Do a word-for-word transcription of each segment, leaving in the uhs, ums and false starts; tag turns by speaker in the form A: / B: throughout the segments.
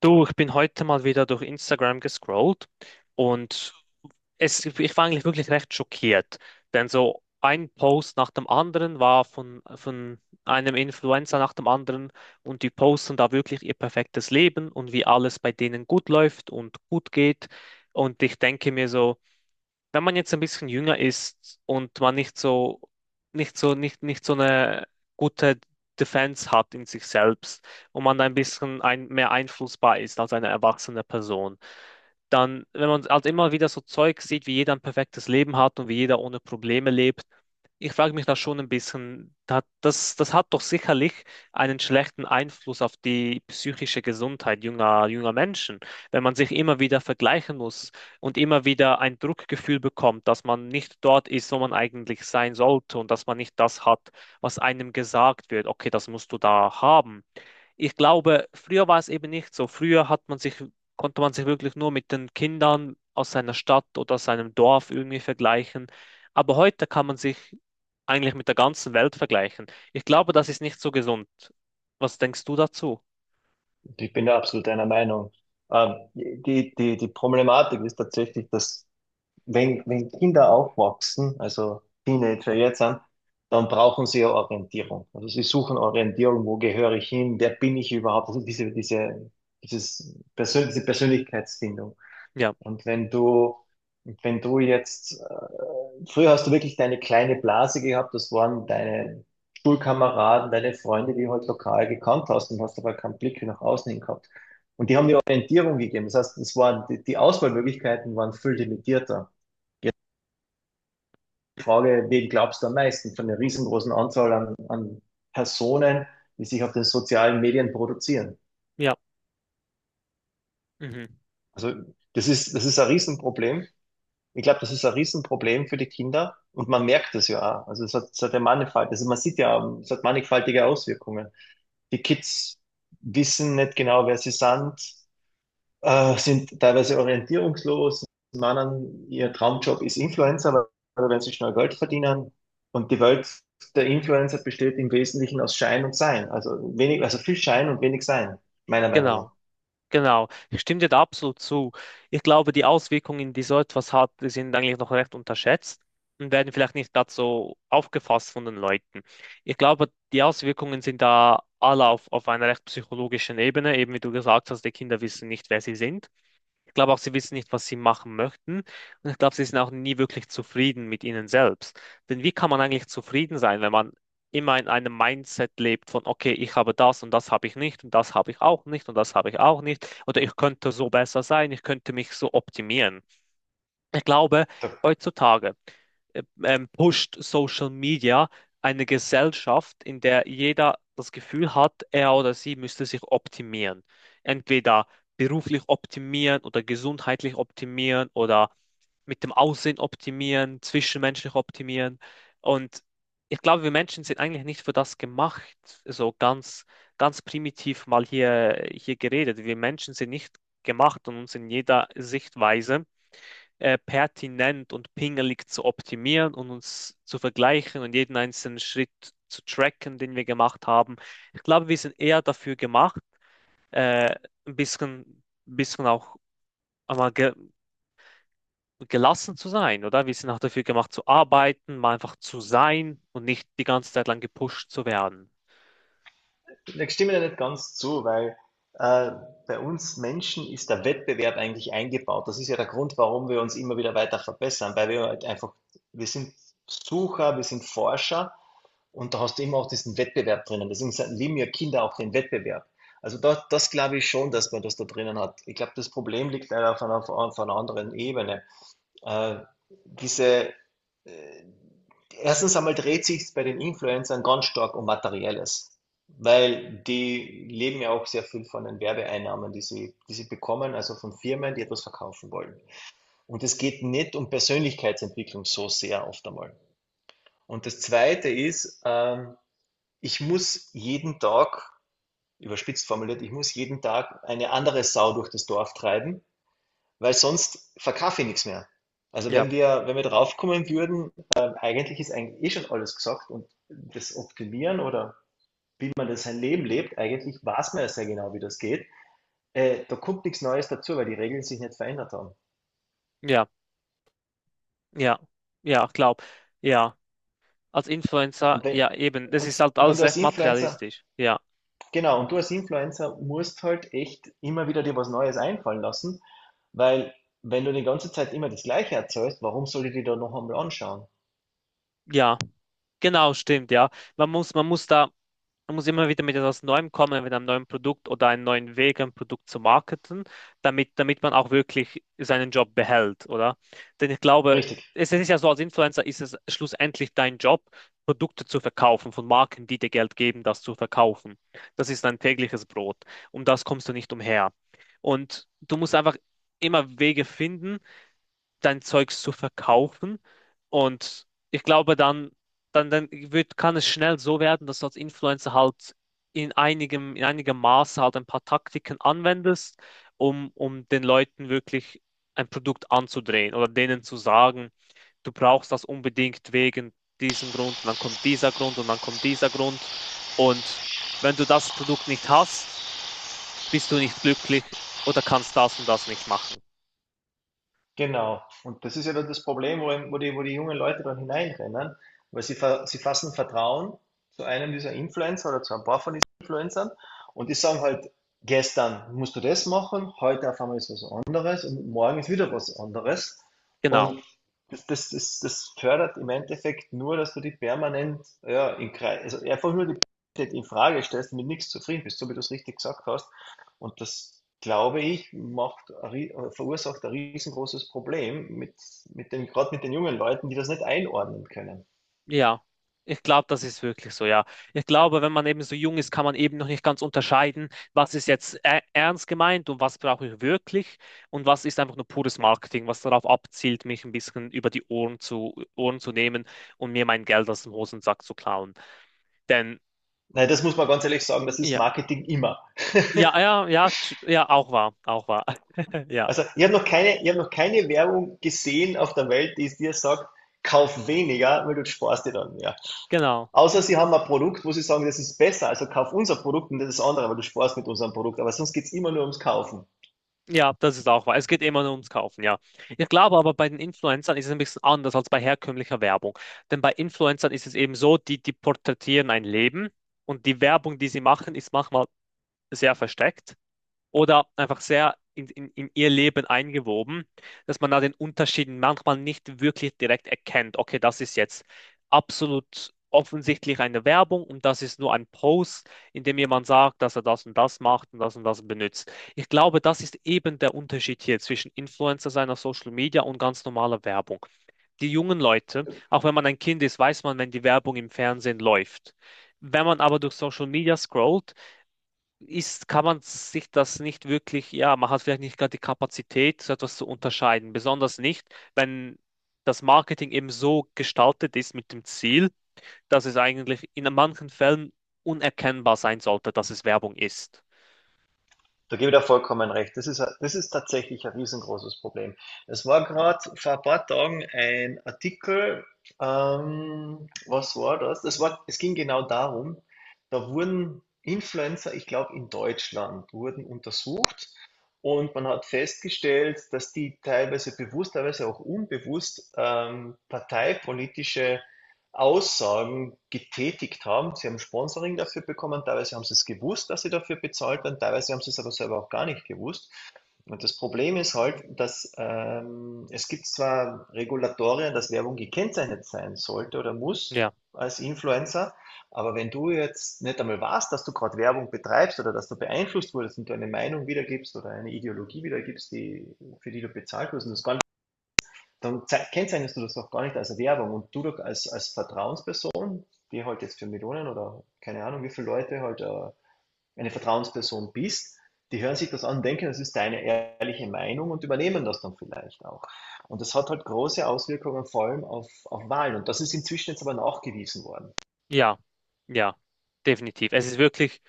A: Du, ich bin heute mal wieder durch Instagram gescrollt und es, ich war eigentlich wirklich recht schockiert, denn so ein Post nach dem anderen war von, von einem Influencer nach dem anderen und die posten da wirklich ihr perfektes Leben und wie alles bei denen gut läuft und gut geht. Und ich denke mir so, wenn man jetzt ein bisschen jünger ist und man nicht so, nicht so, nicht, nicht so eine gute Defense hat in sich selbst und man ein bisschen ein, mehr einflussbar ist als eine erwachsene Person, dann, wenn man halt immer wieder so Zeug sieht, wie jeder ein perfektes Leben hat und wie jeder ohne Probleme lebt, ich frage mich da schon ein bisschen, da- das, das hat doch sicherlich einen schlechten Einfluss auf die psychische Gesundheit junger, junger Menschen, wenn man sich immer wieder vergleichen muss und immer wieder ein Druckgefühl bekommt, dass man nicht dort ist, wo man eigentlich sein sollte und dass man nicht das hat, was einem gesagt wird. Okay, das musst du da haben. Ich glaube, früher war es eben nicht so. Früher hat man sich, Konnte man sich wirklich nur mit den Kindern aus seiner Stadt oder aus seinem Dorf irgendwie vergleichen. Aber heute kann man sich eigentlich mit der ganzen Welt vergleichen. Ich glaube, das ist nicht so gesund. Was denkst du dazu?
B: Ich bin da absolut deiner Meinung. Ähm, die, die, die Problematik ist tatsächlich, dass wenn, wenn Kinder aufwachsen, also Teenager jetzt sind, dann brauchen sie ja Orientierung. Also sie suchen Orientierung, wo gehöre ich hin, wer bin ich überhaupt? Also diese, diese, dieses Persön diese Persönlichkeitsfindung.
A: Ja,
B: Und wenn du, wenn du jetzt, äh, Früher hast du wirklich deine kleine Blase gehabt, das waren deine Schulkameraden, deine Freunde, die du halt lokal gekannt hast und hast aber keinen Blick nach außen hin gehabt. Und die haben dir Orientierung gegeben. Das heißt, es waren, die, die Auswahlmöglichkeiten waren viel limitierter. Jetzt die Frage, wen glaubst du am meisten von der riesengroßen Anzahl an, an Personen, die sich auf den sozialen Medien produzieren?
A: ja, mhm,
B: Also, das ist, das ist ein Riesenproblem. Ich glaube, das ist ein Riesenproblem für die Kinder und man merkt es ja auch. Also es hat, es hat ja mannigfalt, also man sieht ja, es hat mannigfaltige Auswirkungen. Die Kids wissen nicht genau, wer sie sind, äh, sind teilweise orientierungslos, meinen, ihr Traumjob ist Influencer, weil weil wenn sie schnell Geld verdienen. Und die Welt der Influencer besteht im Wesentlichen aus Schein und Sein. Also wenig, also viel Schein und wenig Sein, meiner Meinung
A: genau.
B: nach.
A: Genau, ich stimme dir da absolut zu. Ich glaube, die Auswirkungen, die so etwas hat, die sind eigentlich noch recht unterschätzt und werden vielleicht nicht gerade so aufgefasst von den Leuten. Ich glaube, die Auswirkungen sind da alle auf, auf einer recht psychologischen Ebene, eben wie du gesagt hast, die Kinder wissen nicht, wer sie sind. Ich glaube auch, sie wissen nicht, was sie machen möchten. Und ich glaube, sie sind auch nie wirklich zufrieden mit ihnen selbst. Denn wie kann man eigentlich zufrieden sein, wenn man immer in einem Mindset lebt von, okay, ich habe das und das habe ich nicht und das habe ich auch nicht und das habe ich auch nicht, oder ich könnte so besser sein, ich könnte mich so optimieren. Ich glaube,
B: Da
A: heutzutage äh, ähm, pusht Social Media eine Gesellschaft, in der jeder das Gefühl hat, er oder sie müsste sich optimieren. Entweder beruflich optimieren oder gesundheitlich optimieren oder mit dem Aussehen optimieren, zwischenmenschlich optimieren. Und ich glaube, wir Menschen sind eigentlich nicht für das gemacht, so ganz, ganz primitiv mal hier, hier geredet. Wir Menschen sind nicht gemacht und uns in jeder Sichtweise äh, pertinent und pingelig zu optimieren und uns zu vergleichen und jeden einzelnen Schritt zu tracken, den wir gemacht haben. Ich glaube, wir sind eher dafür gemacht, äh, ein bisschen, ein bisschen auch einmal ge gelassen zu sein, oder? Wir sind auch dafür gemacht zu arbeiten, mal einfach zu sein und nicht die ganze Zeit lang gepusht zu werden.
B: Ich stimme dir nicht ganz zu, weil äh, bei uns Menschen ist der Wettbewerb eigentlich eingebaut. Das ist ja der Grund, warum wir uns immer wieder weiter verbessern, weil wir halt einfach, wir sind Sucher, wir sind Forscher und da hast du immer auch diesen Wettbewerb drinnen. Deswegen sa- lieben ja Kinder auch den Wettbewerb. Also da, das glaube ich schon, dass man das da drinnen hat. Ich glaube, das Problem liegt leider auf einer, auf einer anderen Ebene. Äh, diese, äh, Erstens einmal dreht sich bei den Influencern ganz stark um Materielles, weil die leben ja auch sehr viel von den Werbeeinnahmen, die sie, die sie bekommen, also von Firmen, die etwas verkaufen wollen. Und es geht nicht um Persönlichkeitsentwicklung so sehr oft einmal. Und das Zweite ist, ähm, ich muss jeden Tag, überspitzt formuliert, ich muss jeden Tag eine andere Sau durch das Dorf treiben, weil sonst verkaufe ich nichts mehr. Also
A: Ja,
B: wenn wir, wenn wir drauf kommen würden, ähm, eigentlich ist eigentlich eh schon alles gesagt und das Optimieren oder wie man das sein Leben lebt, eigentlich weiß man ja sehr genau, wie das geht. Äh, da kommt nichts Neues dazu, weil die Regeln sich nicht verändert haben.
A: ja, ja, ja, ich glaube, ja. Als Influencer,
B: Und wenn,
A: ja, eben, das
B: und
A: ist halt
B: wenn du
A: alles
B: als
A: recht
B: Influencer,
A: materialistisch. Ja,
B: Genau, und du als Influencer musst halt echt immer wieder dir was Neues einfallen lassen, weil wenn du die ganze Zeit immer das Gleiche erzählst, warum soll ich dir da noch einmal anschauen?
A: ja, genau, stimmt, ja. Man muss, man muss da, Man muss immer wieder mit etwas Neuem kommen, mit einem neuen Produkt oder einem neuen Weg, ein Produkt zu marketen, damit, damit man auch wirklich seinen Job behält, oder? Denn ich glaube,
B: Richtig.
A: es ist ja so, als Influencer ist es schlussendlich dein Job, Produkte zu verkaufen von Marken, die dir Geld geben, das zu verkaufen. Das ist dein tägliches Brot. Um das kommst du nicht umher. Und du musst einfach immer Wege finden, dein Zeugs zu verkaufen. Und ich glaube, dann, dann, dann wird, kann es schnell so werden, dass du als Influencer halt in einigem, in einigem Maße halt ein paar Taktiken anwendest, um, um den Leuten wirklich ein Produkt anzudrehen oder denen zu sagen, du brauchst das unbedingt wegen diesem Grund und dann kommt dieser Grund und dann kommt dieser Grund. Und wenn du das Produkt nicht hast, bist du nicht glücklich oder kannst das und das nicht machen.
B: Genau. Und das ist ja dann das Problem, wo, wo die, wo die jungen Leute dann hineinrennen, weil sie, ver- sie fassen Vertrauen zu einem dieser Influencer oder zu ein paar von diesen Influencern und die sagen halt, gestern musst du das machen, heute auf einmal ist was anderes und morgen ist wieder was anderes.
A: Genau.
B: Und das, das, das, das fördert im Endeffekt nur, dass du die permanent, ja, in, Kre- also einfach nur die Qualität in Frage stellst und mit nichts zufrieden bist, so wie du es richtig gesagt hast. Und das, glaube ich, macht, ein rie- äh, verursacht ein riesengroßes Problem mit, mit den, gerade mit den jungen Leuten, die das nicht einordnen können.
A: Ja, ich glaube, das ist wirklich so, ja. Ich glaube, wenn man eben so jung ist, kann man eben noch nicht ganz unterscheiden, was ist jetzt ä- ernst gemeint und was brauche ich wirklich und was ist einfach nur pures Marketing, was darauf abzielt, mich ein bisschen über die Ohren zu, Ohren zu nehmen und mir mein Geld aus dem Hosensack zu klauen. Denn,
B: Nein, das muss man ganz ehrlich sagen, das ist
A: ja,
B: Marketing immer.
A: ja, ja, ja, t- ja, auch wahr, auch wahr. Ja,
B: Also ich habe noch keine, ich habe noch keine Werbung gesehen auf der Welt, die es dir sagt, kauf weniger, weil du sparst dir dann mehr.
A: genau.
B: Außer sie haben ein Produkt, wo sie sagen, das ist besser, also kauf unser Produkt und das ist andere, weil du sparst mit unserem Produkt. Aber sonst geht's immer nur ums Kaufen.
A: Ja, das ist auch wahr. Es geht immer nur ums Kaufen, ja. Ich glaube aber, bei den Influencern ist es ein bisschen anders als bei herkömmlicher Werbung. Denn bei Influencern ist es eben so, die, die porträtieren ein Leben und die Werbung, die sie machen, ist manchmal sehr versteckt oder einfach sehr in, in, in ihr Leben eingewoben, dass man da den Unterschied manchmal nicht wirklich direkt erkennt. Okay, das ist jetzt absolut offensichtlich eine Werbung und das ist nur ein Post, in dem jemand sagt, dass er das und das macht und das und das benutzt. Ich glaube, das ist eben der Unterschied hier zwischen Influencer sein auf Social Media und ganz normaler Werbung. Die jungen Leute, auch wenn man ein Kind ist, weiß man, wenn die Werbung im Fernsehen läuft. Wenn man aber durch Social Media scrollt, ist, kann man sich das nicht wirklich, ja, man hat vielleicht nicht gerade die Kapazität, so etwas zu unterscheiden. Besonders nicht, wenn das Marketing eben so gestaltet ist mit dem Ziel, dass es eigentlich in manchen Fällen unerkennbar sein sollte, dass es Werbung ist.
B: Da gebe ich dir vollkommen recht. Das ist, ein- das ist tatsächlich ein riesengroßes Problem. Es war gerade vor ein paar Tagen ein Artikel, ähm, was war das? Das war, es ging genau darum, da wurden Influencer, ich glaube in Deutschland, wurden untersucht und man hat festgestellt, dass die teilweise bewusst, teilweise auch unbewusst ähm, parteipolitische Aussagen getätigt haben. Sie haben Sponsoring dafür bekommen, teilweise haben sie es gewusst, dass sie dafür bezahlt werden, teilweise haben sie es aber selber auch gar nicht gewusst. Und das Problem ist halt, dass ähm, es gibt zwar Regulatorien, dass Werbung gekennzeichnet sein sollte oder muss
A: Ja,
B: als Influencer, aber wenn du jetzt nicht einmal weißt, dass du gerade Werbung betreibst oder dass du beeinflusst wurdest und du eine Meinung wiedergibst oder eine Ideologie wiedergibst, die, für die du bezahlt wirst, und das gar nicht, dann zei- kennzeichnest du das auch gar nicht als Werbung und du doch als, als Vertrauensperson die halt jetzt für Millionen oder keine Ahnung, wie viele Leute halt äh, eine Vertrauensperson bist, die hören sich das an, denken, das ist deine ehrliche Meinung und übernehmen das dann vielleicht auch. Und das hat halt große Auswirkungen vor allem auf, auf Wahlen. Und das ist inzwischen jetzt aber nachgewiesen worden.
A: ja, ja, definitiv. Es ist wirklich.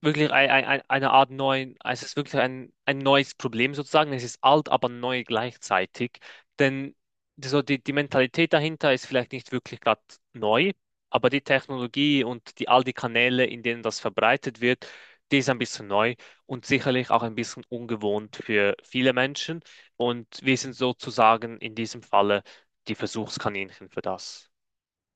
A: Wirklich ein, ein, ein- eine Art neuen, es ist wirklich ein, ein neues Problem sozusagen. Es ist alt, aber neu gleichzeitig. Denn die- so die, die Mentalität dahinter ist vielleicht nicht wirklich gerade neu, aber die Technologie und die, all die Kanäle, in denen das verbreitet wird, die ist ein bisschen neu und sicherlich auch ein bisschen ungewohnt für viele Menschen. Und wir sind sozusagen in diesem Falle die Versuchskaninchen für das.